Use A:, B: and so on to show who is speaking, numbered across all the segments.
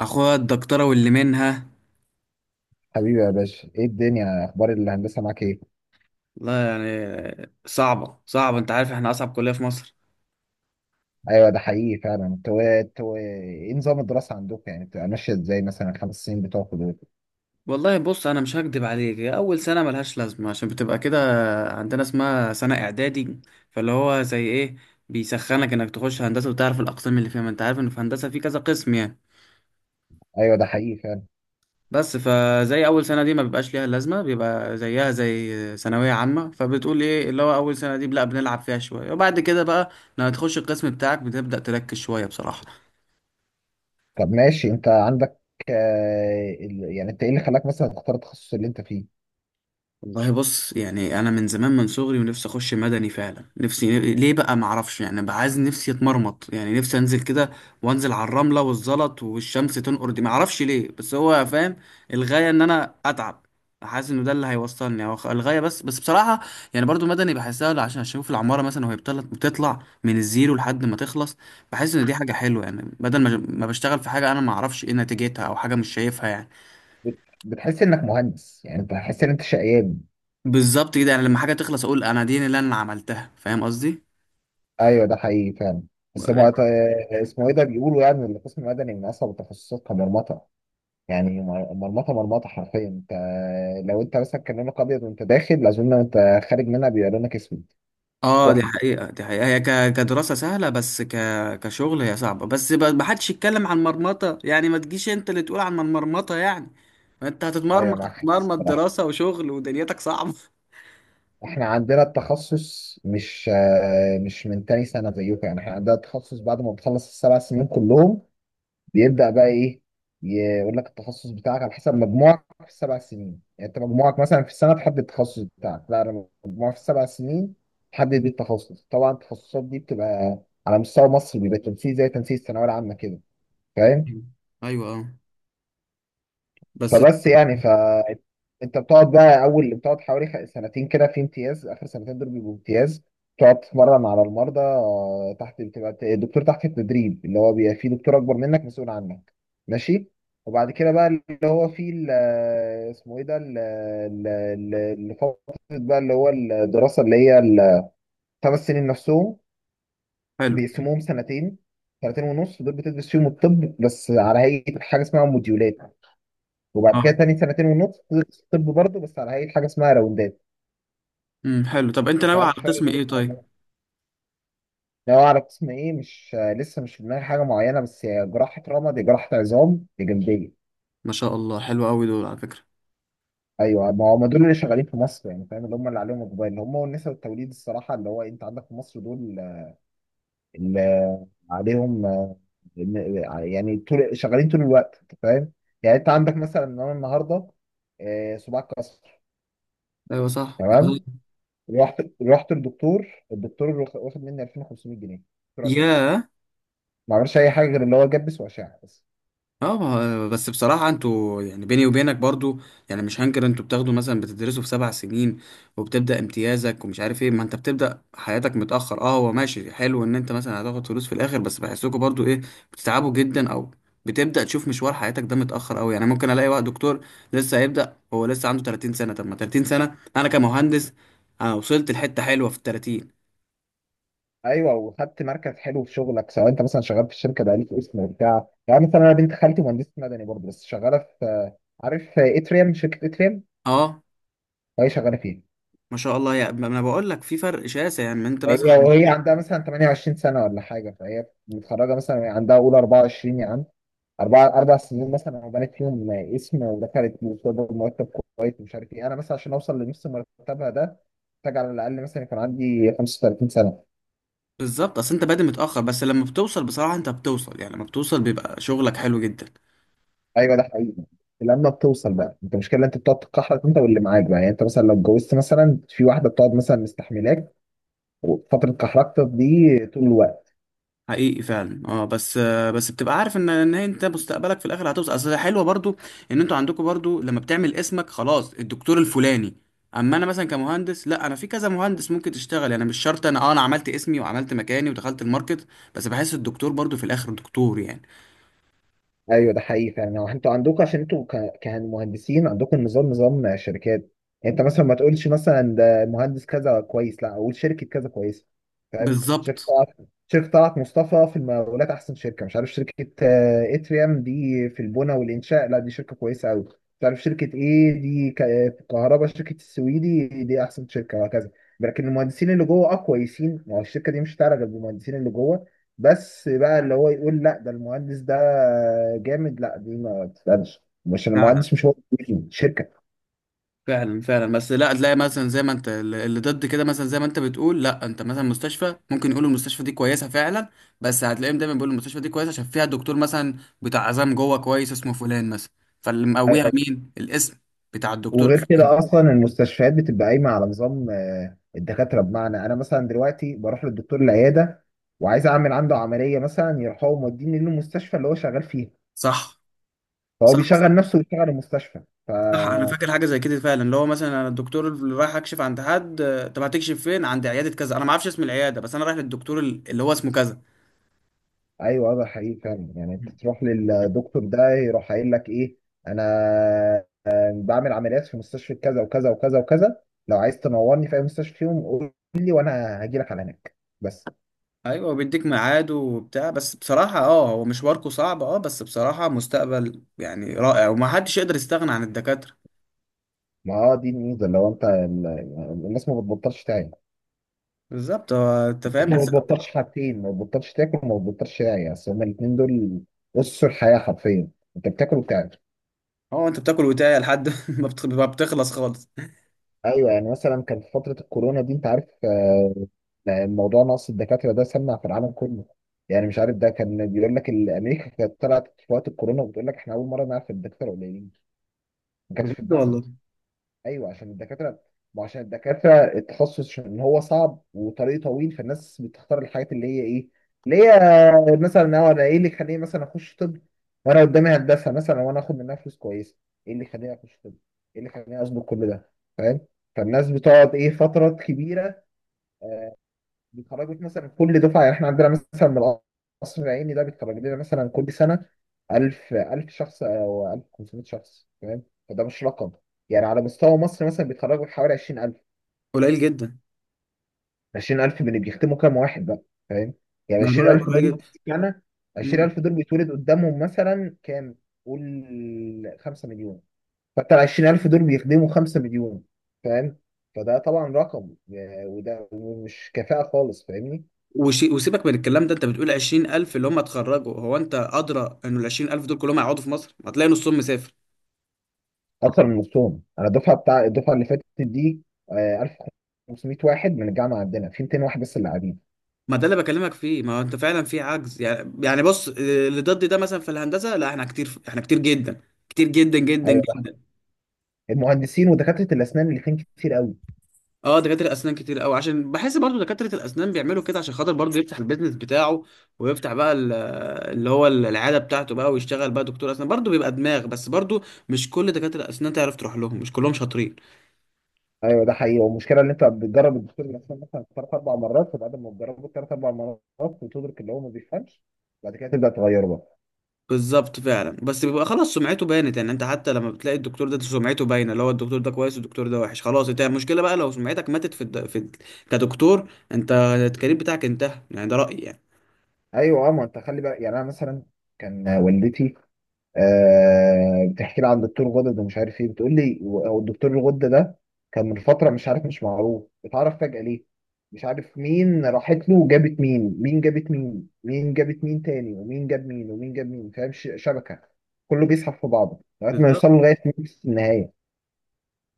A: اخويا الدكتوره واللي منها.
B: حبيبي يا باشا، ايه الدنيا؟ اخبار الهندسه معاك ايه؟
A: لا، يعني صعبه صعبه، انت عارف احنا اصعب كليه في مصر.
B: ايوه، ده حقيقي فعلا. انتوا ايه نظام الدراسه عندكم؟ يعني بتبقى ماشيه ازاي؟ مثلا الخمس سنين بتوعكم دول؟
A: والله بص، انا مش هكدب عليك، هي اول سنه ملهاش لازمه عشان بتبقى كده، عندنا اسمها سنه اعدادي. فاللي هو زي ايه، بيسخنك انك تخش هندسه وتعرف الاقسام اللي فيها، ما انت عارف ان في هندسه في كذا قسم يعني.
B: ايوه، ده حقيقي فعلا.
A: بس فزي اول سنه دي ما بيبقاش ليها لازمه، بيبقى زيها زي ثانويه عامه، فبتقول ايه؟ اللي هو اول سنه دي لا بنلعب فيها شويه، وبعد كده بقى لما تخش القسم بتاعك بتبدا تركز شويه بصراحه.
B: طب، ماشي. انت عندك يعني انت ايه اللي خلاك مثلا تختار التخصص اللي انت فيه؟
A: والله بص، يعني انا من زمان، من صغري ونفسي اخش مدني، فعلا نفسي، ليه بقى معرفش، يعني بقى عايز نفسي اتمرمط، يعني نفسي انزل كده وانزل على الرمله والزلط والشمس تنقر، دي معرفش ليه بس هو فاهم الغايه، ان انا اتعب. حاسس انه ده اللي هيوصلني هو الغايه، بس بصراحه. يعني برضو مدني بحسها عشان اشوف العماره مثلا وهي بتطلع من الزيرو لحد ما تخلص. بحس ان دي حاجه حلوه، يعني بدل ما بشتغل في حاجه انا معرفش ايه نتيجتها او حاجه مش شايفها يعني.
B: بتحس انك مهندس؟ يعني انت بتحس ان انت شقيان؟
A: بالظبط كده، يعني لما حاجه تخلص اقول انا دي اللي انا عملتها، فاهم قصدي؟
B: ايوه، ده حقيقي فعلا. بس مو- آه، اسمه ايه ده، بيقولوا يعني إن القسم المدني من اصعب التخصصات، كمرمطه. يعني مرمطه مرمطه حرفيا. انت لو انت مثلا كان لونك ابيض وانت داخل، اظن انت خارج منها بيبقى لونك اسود.
A: اه، دي
B: كحل.
A: حقيقه، دي حقيقه، هي كدراسه سهله، بس كشغل هي صعبه، بس ما حدش يتكلم عن مرمطه يعني، ما تجيش انت اللي تقول عن مرمطه يعني، ما انت
B: ايوه،
A: هتتمرمط
B: معاك حق
A: هتتمرمط،
B: الصراحه.
A: دراسه وشغل ودنيتك صعبه
B: احنا عندنا التخصص مش من تاني سنه زيكم. يعني احنا عندنا التخصص بعد ما بتخلص السبع سنين كلهم، بيبدا بقى ايه؟ يقول لك التخصص بتاعك على حسب مجموعك في السبع سنين. يعني انت مجموعك مثلا في السنه تحدد التخصص بتاعك؟ لا، انا مجموعي في السبع سنين تحدد بيه التخصص. طبعا التخصصات دي بتبقى على مستوى مصر، بيبقى تنسيق زي تنسيق الثانويه العامه كده. فاهم؟
A: ايوه، ايوه، اه، بس
B: فبس يعني ف انت بتقعد بقى اول، بتقعد حوالي سنتين كده في امتياز. اخر سنتين دول بيبقوا امتياز، تقعد تتمرن على المرضى. تحت بتبقى الدكتور تحت التدريب، اللي هو بيبقى فيه دكتور اكبر منك مسؤول عنك. ماشي. وبعد كده بقى اللي هو فيه اسمه ايه ده، اللي فترة بقى، اللي هو الدراسة اللي هي الخمس سنين نفسهم،
A: حلو.
B: بيقسموهم سنتين سنتين ونص دول بتدرس فيهم الطب بس على هيئة حاجة اسمها موديولات، وبعد كده
A: اه،
B: تاني سنتين ونص تدرس طب برضه بس على هيئة حاجة اسمها راوندات.
A: حلو. طب انت
B: انت
A: ناوي على
B: عارف فرق
A: قسم
B: ما
A: ايه
B: بينهم ولا
A: طيب؟
B: لا؟ لو على قسم ايه مش آه، لسه مش في دماغي حاجة معينة، بس هي جراحة رمى دي، جراحة عظام دي، جلدية.
A: ما شاء الله، حلو قوي دول على فكره.
B: ايوه، ما هم دول اللي شغالين في مصر. يعني فاهم اللي هم، اللي عليهم اقبال، اللي هم والنساء والتوليد، الصراحة اللي هو انت عندك في مصر دول اللي عليهم يعني طول شغالين طول الوقت، انت فاهم. يعني انت عندك مثلا ان انا النهارده صباع كسر،
A: ايوه، صح.
B: تمام؟ رحت الدكتور واخد مني 2500 جنيه، دكتور عزام.
A: يا.
B: ما عملش اي حاجه غير ان هو جبس واشعه بس.
A: اه، بس بصراحة انتوا يعني، بيني وبينك برضو، يعني مش هنكر انتوا بتاخدوا مثلا، بتدرسوا في سبع سنين وبتبدأ امتيازك ومش عارف ايه، ما انت بتبدأ حياتك متأخر. اه هو ماشي حلو ان انت مثلا هتاخد فلوس في الاخر، بس بحسكوا برضو ايه، بتتعبوا جدا، او بتبدأ تشوف مشوار حياتك ده متأخر قوي. يعني ممكن الاقي واحد دكتور لسه هيبدأ، هو لسه عنده 30 سنة. طب ما 30 سنة انا كمهندس، انا وصلت لحتة حلوة في ال 30.
B: ايوه، وخدت مركز حلو في شغلك، سواء انت مثلا شغال في الشركه بقى ليك اسم وبتاع. يعني مثلا انا بنت خالتي مهندسه مدني برضه، بس شغاله في آه، عارف آه، اتريم، شركه اتريم.
A: اه،
B: فهي شغاله فيها.
A: ما شاء الله. يا ما انا بقول لك في فرق شاسع، يعني انت
B: هي
A: مثلا.
B: وهي عندها مثلا 28 سنه ولا حاجه. فهي متخرجه مثلا عندها اولى 24 يا عم. أربع أربع سنين مثلا، أنا بنيت فيهم اسم ودخلت بطلب مرتب كويس ومش عارف إيه. أنا مثلا عشان أوصل لنص مرتبها ده محتاج على الأقل مثلا يكون عندي 35 سنة.
A: بالظبط، اصل انت بادئ متاخر، بس لما بتوصل بصراحه انت بتوصل، يعني لما بتوصل بيبقى شغلك حلو جدا.
B: أيوه، ده حقيقي. لما بتوصل بقى أنت، المشكلة أنت بتقعد تتكحرك، أنت واللي معاك بقى. يعني أنت مثلا لو اتجوزت مثلا في واحدة، بتقعد مثلا مستحملاك وفترة كحركتك دي طول الوقت.
A: حقيقي فعلا. اه، بس بس بتبقى عارف ان هي انت مستقبلك في الاخر هتوصل. اصل حلوه برضو ان انتوا عندكم برضو، لما بتعمل اسمك خلاص الدكتور الفلاني. اما انا مثلا كمهندس، لا، انا في كذا مهندس ممكن تشتغل، يعني مش شرط انا عملت اسمي وعملت مكاني ودخلت الماركت. بس بحس الدكتور برضو في الاخر دكتور يعني.
B: ايوه، ده حقيقي فعلا. هو انتوا عندكم عشان انتوا كمهندسين عندكم نظام شركات. يعني انت مثلا ما تقولش مثلا ده مهندس كذا كويس، لا، اقول شركه كذا كويسه. فاهم؟ شركه
A: بالظبط.
B: طلعت شركه طلعت مصطفى في المقاولات احسن شركه. مش عارف، شركه اتريام دي في البنى والانشاء، لا دي شركه كويسه قوي. مش عارف شركه ايه دي في الكهرباء، شركه السويدي دي احسن شركه، وهكذا. لكن المهندسين اللي جوه كويسين، ما هو الشركه دي مش هتعرف غير بالمهندسين اللي جوه. بس بقى اللي هو يقول لا ده المهندس ده جامد، لا دي ما تسألش، مش المهندس، مش هو، شركة.
A: فعلا فعلا، بس لا تلاقي مثلا زي ما انت اللي ضد كده، مثلا زي ما انت بتقول لا، انت مثلا مستشفى ممكن يقولوا المستشفى دي كويسه فعلا، بس هتلاقيهم دايما بيقولوا المستشفى دي كويسه عشان فيها دكتور مثلا بتاع عظام جوه كويس، اسمه فلان مثلا. فاللي مقويها مين؟ الاسم بتاع الدكتور
B: وغير
A: الفلاني.
B: كده اصلا المستشفيات بتبقى قايمة على نظام الدكاترة. بمعنى انا مثلا دلوقتي بروح للدكتور العيادة وعايز اعمل عنده عملية مثلا، يروح هو موديني للمستشفى اللي هو شغال فيها.
A: صح،
B: فهو
A: صح، صح،
B: بيشغل نفسه ويشغل المستشفى.
A: صح، انا
B: فا
A: فاكر حاجه زي كده فعلا، اللي هو مثلا انا الدكتور اللي رايح اكشف عند حد. طب هتكشف فين؟ عند عياده كذا. انا ما اعرفش اسم العياده، بس انا رايح للدكتور اللي هو اسمه كذا.
B: ايوه، ده حقيقي فعلا. يعني انت تروح للدكتور ده يروح قايل لك ايه؟ انا بعمل عمليات في مستشفى كذا وكذا وكذا وكذا، لو عايز تنورني في اي مستشفى فيهم قول لي، وانا هاجي لك على هناك بس.
A: ايوه، بيديك ميعاد وبتاع. بس بصراحه اه، هو مشواركو صعب، اه بس بصراحه مستقبل يعني رائع، وما حدش يقدر يستغنى عن الدكاتره.
B: ما هو دي الميزه لو انت الناس ما بتبطلش تعيا.
A: بالظبط، هو انت
B: الناس
A: فاهم
B: ما
A: بس.
B: بتبطلش حاجتين: ما بتبطلش تاكل وما بتبطلش تعيا. اصل هما الاثنين دول اسس الحياه حرفيا، انت بتاكل وبتعيا.
A: اه، انت بتاكل وتايه لحد ما بتخلص خالص.
B: ايوه، يعني مثلا كان في فتره الكورونا دي انت عارف الموضوع نقص الدكاتره ده سمع في العالم كله. يعني مش عارف، ده كان بيقول لك امريكا كانت طلعت في وقت الكورونا وبتقول لك احنا اول مره نعرف الدكاتره قليلين، ما كانش في
A: بجد
B: دماغنا.
A: والله.
B: ايوه عشان الدكاتره، ما عشان الدكاتره التخصص عشان هو صعب وطريق طويل. فالناس بتختار الحاجات اللي هي ايه، اللي هي مثلا هو انا ايه اللي يخليني مثلا اخش طب وانا قدامي هندسه مثلا وانا اخد منها فلوس كويسه؟ ايه اللي يخليني اخش طب؟ ايه اللي يخليني اظبط كل ده؟ فاهم؟ فالناس بتقعد ايه، فترات كبيره. بيخرجك مثلا كل دفعه، يعني احنا عندنا مثلا من القصر العيني ده بيتخرج لنا مثلا كل سنه 1000 1000 شخص او 1500 شخص. فاهم؟ فده مش رقم. يعني على مستوى مصر مثلا بيتخرجوا حوالي 20000،
A: قليل جدا.
B: 20000 من اللي بيختموا كام واحد بقى؟ فاهم؟ يعني
A: ما انا بقول لك
B: 20000
A: قليل
B: دول
A: جدا.
B: سنه،
A: مم.
B: 20000 دول بيتولد قدامهم مثلا كام؟ قول، 5 مليون. فانت ال 20000 دول بيخدموا 5 مليون. فاهم؟ فده طبعا رقم يعني، وده مش كفاءة خالص، فاهمني؟
A: وشي وسيبك من الكلام ده، انت بتقول 20000 اللي هم اتخرجوا. هو انت ادرى انه ال 20000 دول كلهم هيقعدوا في مصر؟ ما هتلاقي نصهم مسافر.
B: اكتر من نصهم. انا الدفعه اللي فاتت دي 1500 واحد من الجامعه عندنا، في 200 واحد بس اللي قاعدين.
A: ما ده اللي بكلمك فيه، ما هو انت فعلا في عجز يعني بص، اللي ضدي ده مثلا في الهندسه، لا احنا كتير، احنا كتير جدا، كتير جدا جدا
B: ايوه ده
A: جدا.
B: المهندسين ودكاتره الاسنان اللي فين كتير قوي.
A: اه، دكاتره الاسنان كتير قوي، عشان بحس برضو دكاتره الاسنان بيعملوا كده عشان خاطر برضو يفتح البيزنس بتاعه، ويفتح بقى اللي هو العياده بتاعته بقى، ويشتغل بقى دكتور اسنان. برضو بيبقى دماغ بس برضو، مش كل دكاتره الاسنان تعرف تروح لهم، مش كلهم شاطرين.
B: ايوه، ده حقيقي. والمشكله ان انت بتجرب الدكتور الاسنان مثلا ثلاث اربع مرات، فبعد ما تجربه ثلاث اربع مرات وتدرك اللي هو ما بيفهمش، بعد كده تبدا تغيره بقى.
A: بالظبط فعلا، بس بيبقى خلاص سمعته. بانت يعني انت، حتى لما بتلاقي الدكتور ده سمعته باينه، اللي هو الدكتور ده كويس والدكتور ده وحش. خلاص انت المشكله بقى لو سمعتك ماتت في كدكتور، انت الكارير بتاعك انتهى يعني، ده رايي يعني.
B: ايوه، اه. ما انت خلي بقى. يعني انا مثلا كان والدتي بتحكي لي عن دكتور غدد ومش عارف ايه، بتقول لي هو الدكتور الغدة ده كان من فترة مش عارف، مش معروف، اتعرف فجأة ليه؟ مش عارف مين راحت له وجابت مين، مين جابت مين، مين جابت مين تاني، ومين جاب مين، ومين جاب مين. فاهم؟ شبكة. كله بيسحب في بعضه لغاية ما
A: بالظبط.
B: يوصلوا لغاية نفس النهاية.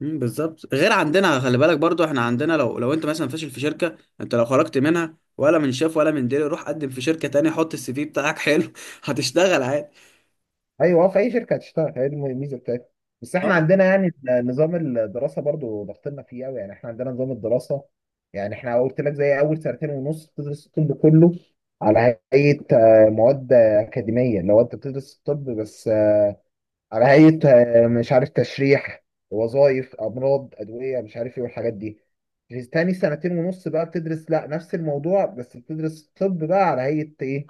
A: بالظبط. غير عندنا خلي بالك برضو احنا عندنا لو انت مثلا فاشل في شركه، انت لو خرجت منها، ولا من شاف ولا من ديري، روح قدم في شركه تانية، حط السي في بتاعك حلو هتشتغل عادي.
B: ايوه، هو في اي شركه هتشتغل، هي دي الميزه بتاعتها. بس احنا
A: اه.
B: عندنا يعني نظام الدراسه برضو ضغطنا فيه قوي. يعني احنا عندنا نظام الدراسه، يعني احنا قلت لك زي اول سنتين ونص بتدرس الطب كله على هيئه مواد اكاديميه. لو انت بتدرس الطب بس على هيئه مش عارف، تشريح، وظائف، امراض، ادويه، مش عارف ايه، والحاجات دي. في تاني سنتين ونص بقى بتدرس لا نفس الموضوع، بس بتدرس الطب بقى على هيئه ايه؟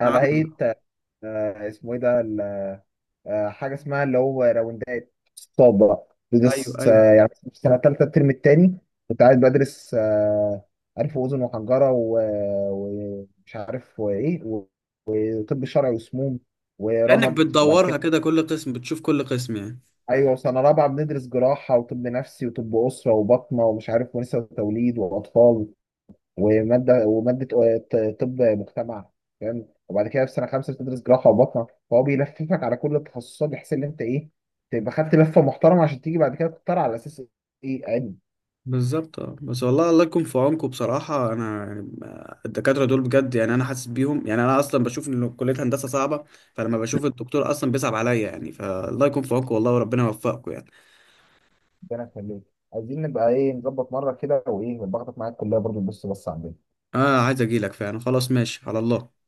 B: على
A: عملي بقى.
B: هيئه آه، اسمه ايه ده آه، حاجه اسمها اللي هو راوندات، اقتصاد بقى.
A: ايوه،
B: بدرس
A: ايوه،
B: يعني في سنه ثالثه الترم الثاني، كنت قاعد بدرس عارف واذن وحنجره ومش عارف وايه، وطب شرعي وسموم
A: كانك
B: ورمد وبعد
A: بتدورها
B: كده.
A: كده، كل قسم بتشوف، كل قسم يعني.
B: ايوه، وسنه رابعه بندرس جراحه وطب نفسي وطب اسره وبطنه ومش عارف ونساء وتوليد واطفال وماده وماده طب مجتمع. فاهم؟ وبعد كده في سنه خمسه بتدرس جراحه وبطنه، فهو بيلففك على كل التخصصات بحيث ان انت ايه، تبقى خدت لفه محترمه، عشان تيجي بعد كده تختار على اساس ايه علم.
A: بالظبط، اه، بس والله الله يكون في عونكم بصراحة، أنا يعني الدكاترة دول بجد يعني، أنا حاسس بيهم. يعني أنا أصلا بشوف إن كلية هندسة صعبة، فلما بشوف الدكتور أصلا بيصعب عليا يعني. فالله يكون في عونكم والله، وربنا يوفقكم يعني.
B: ربنا يخليك. عايزين نبقى ايه، نظبط مره كده وايه ونبقى معاك. الكليه برضه، بص عندنا.
A: أنا عايز أجيلك فعلا، خلاص ماشي على الله.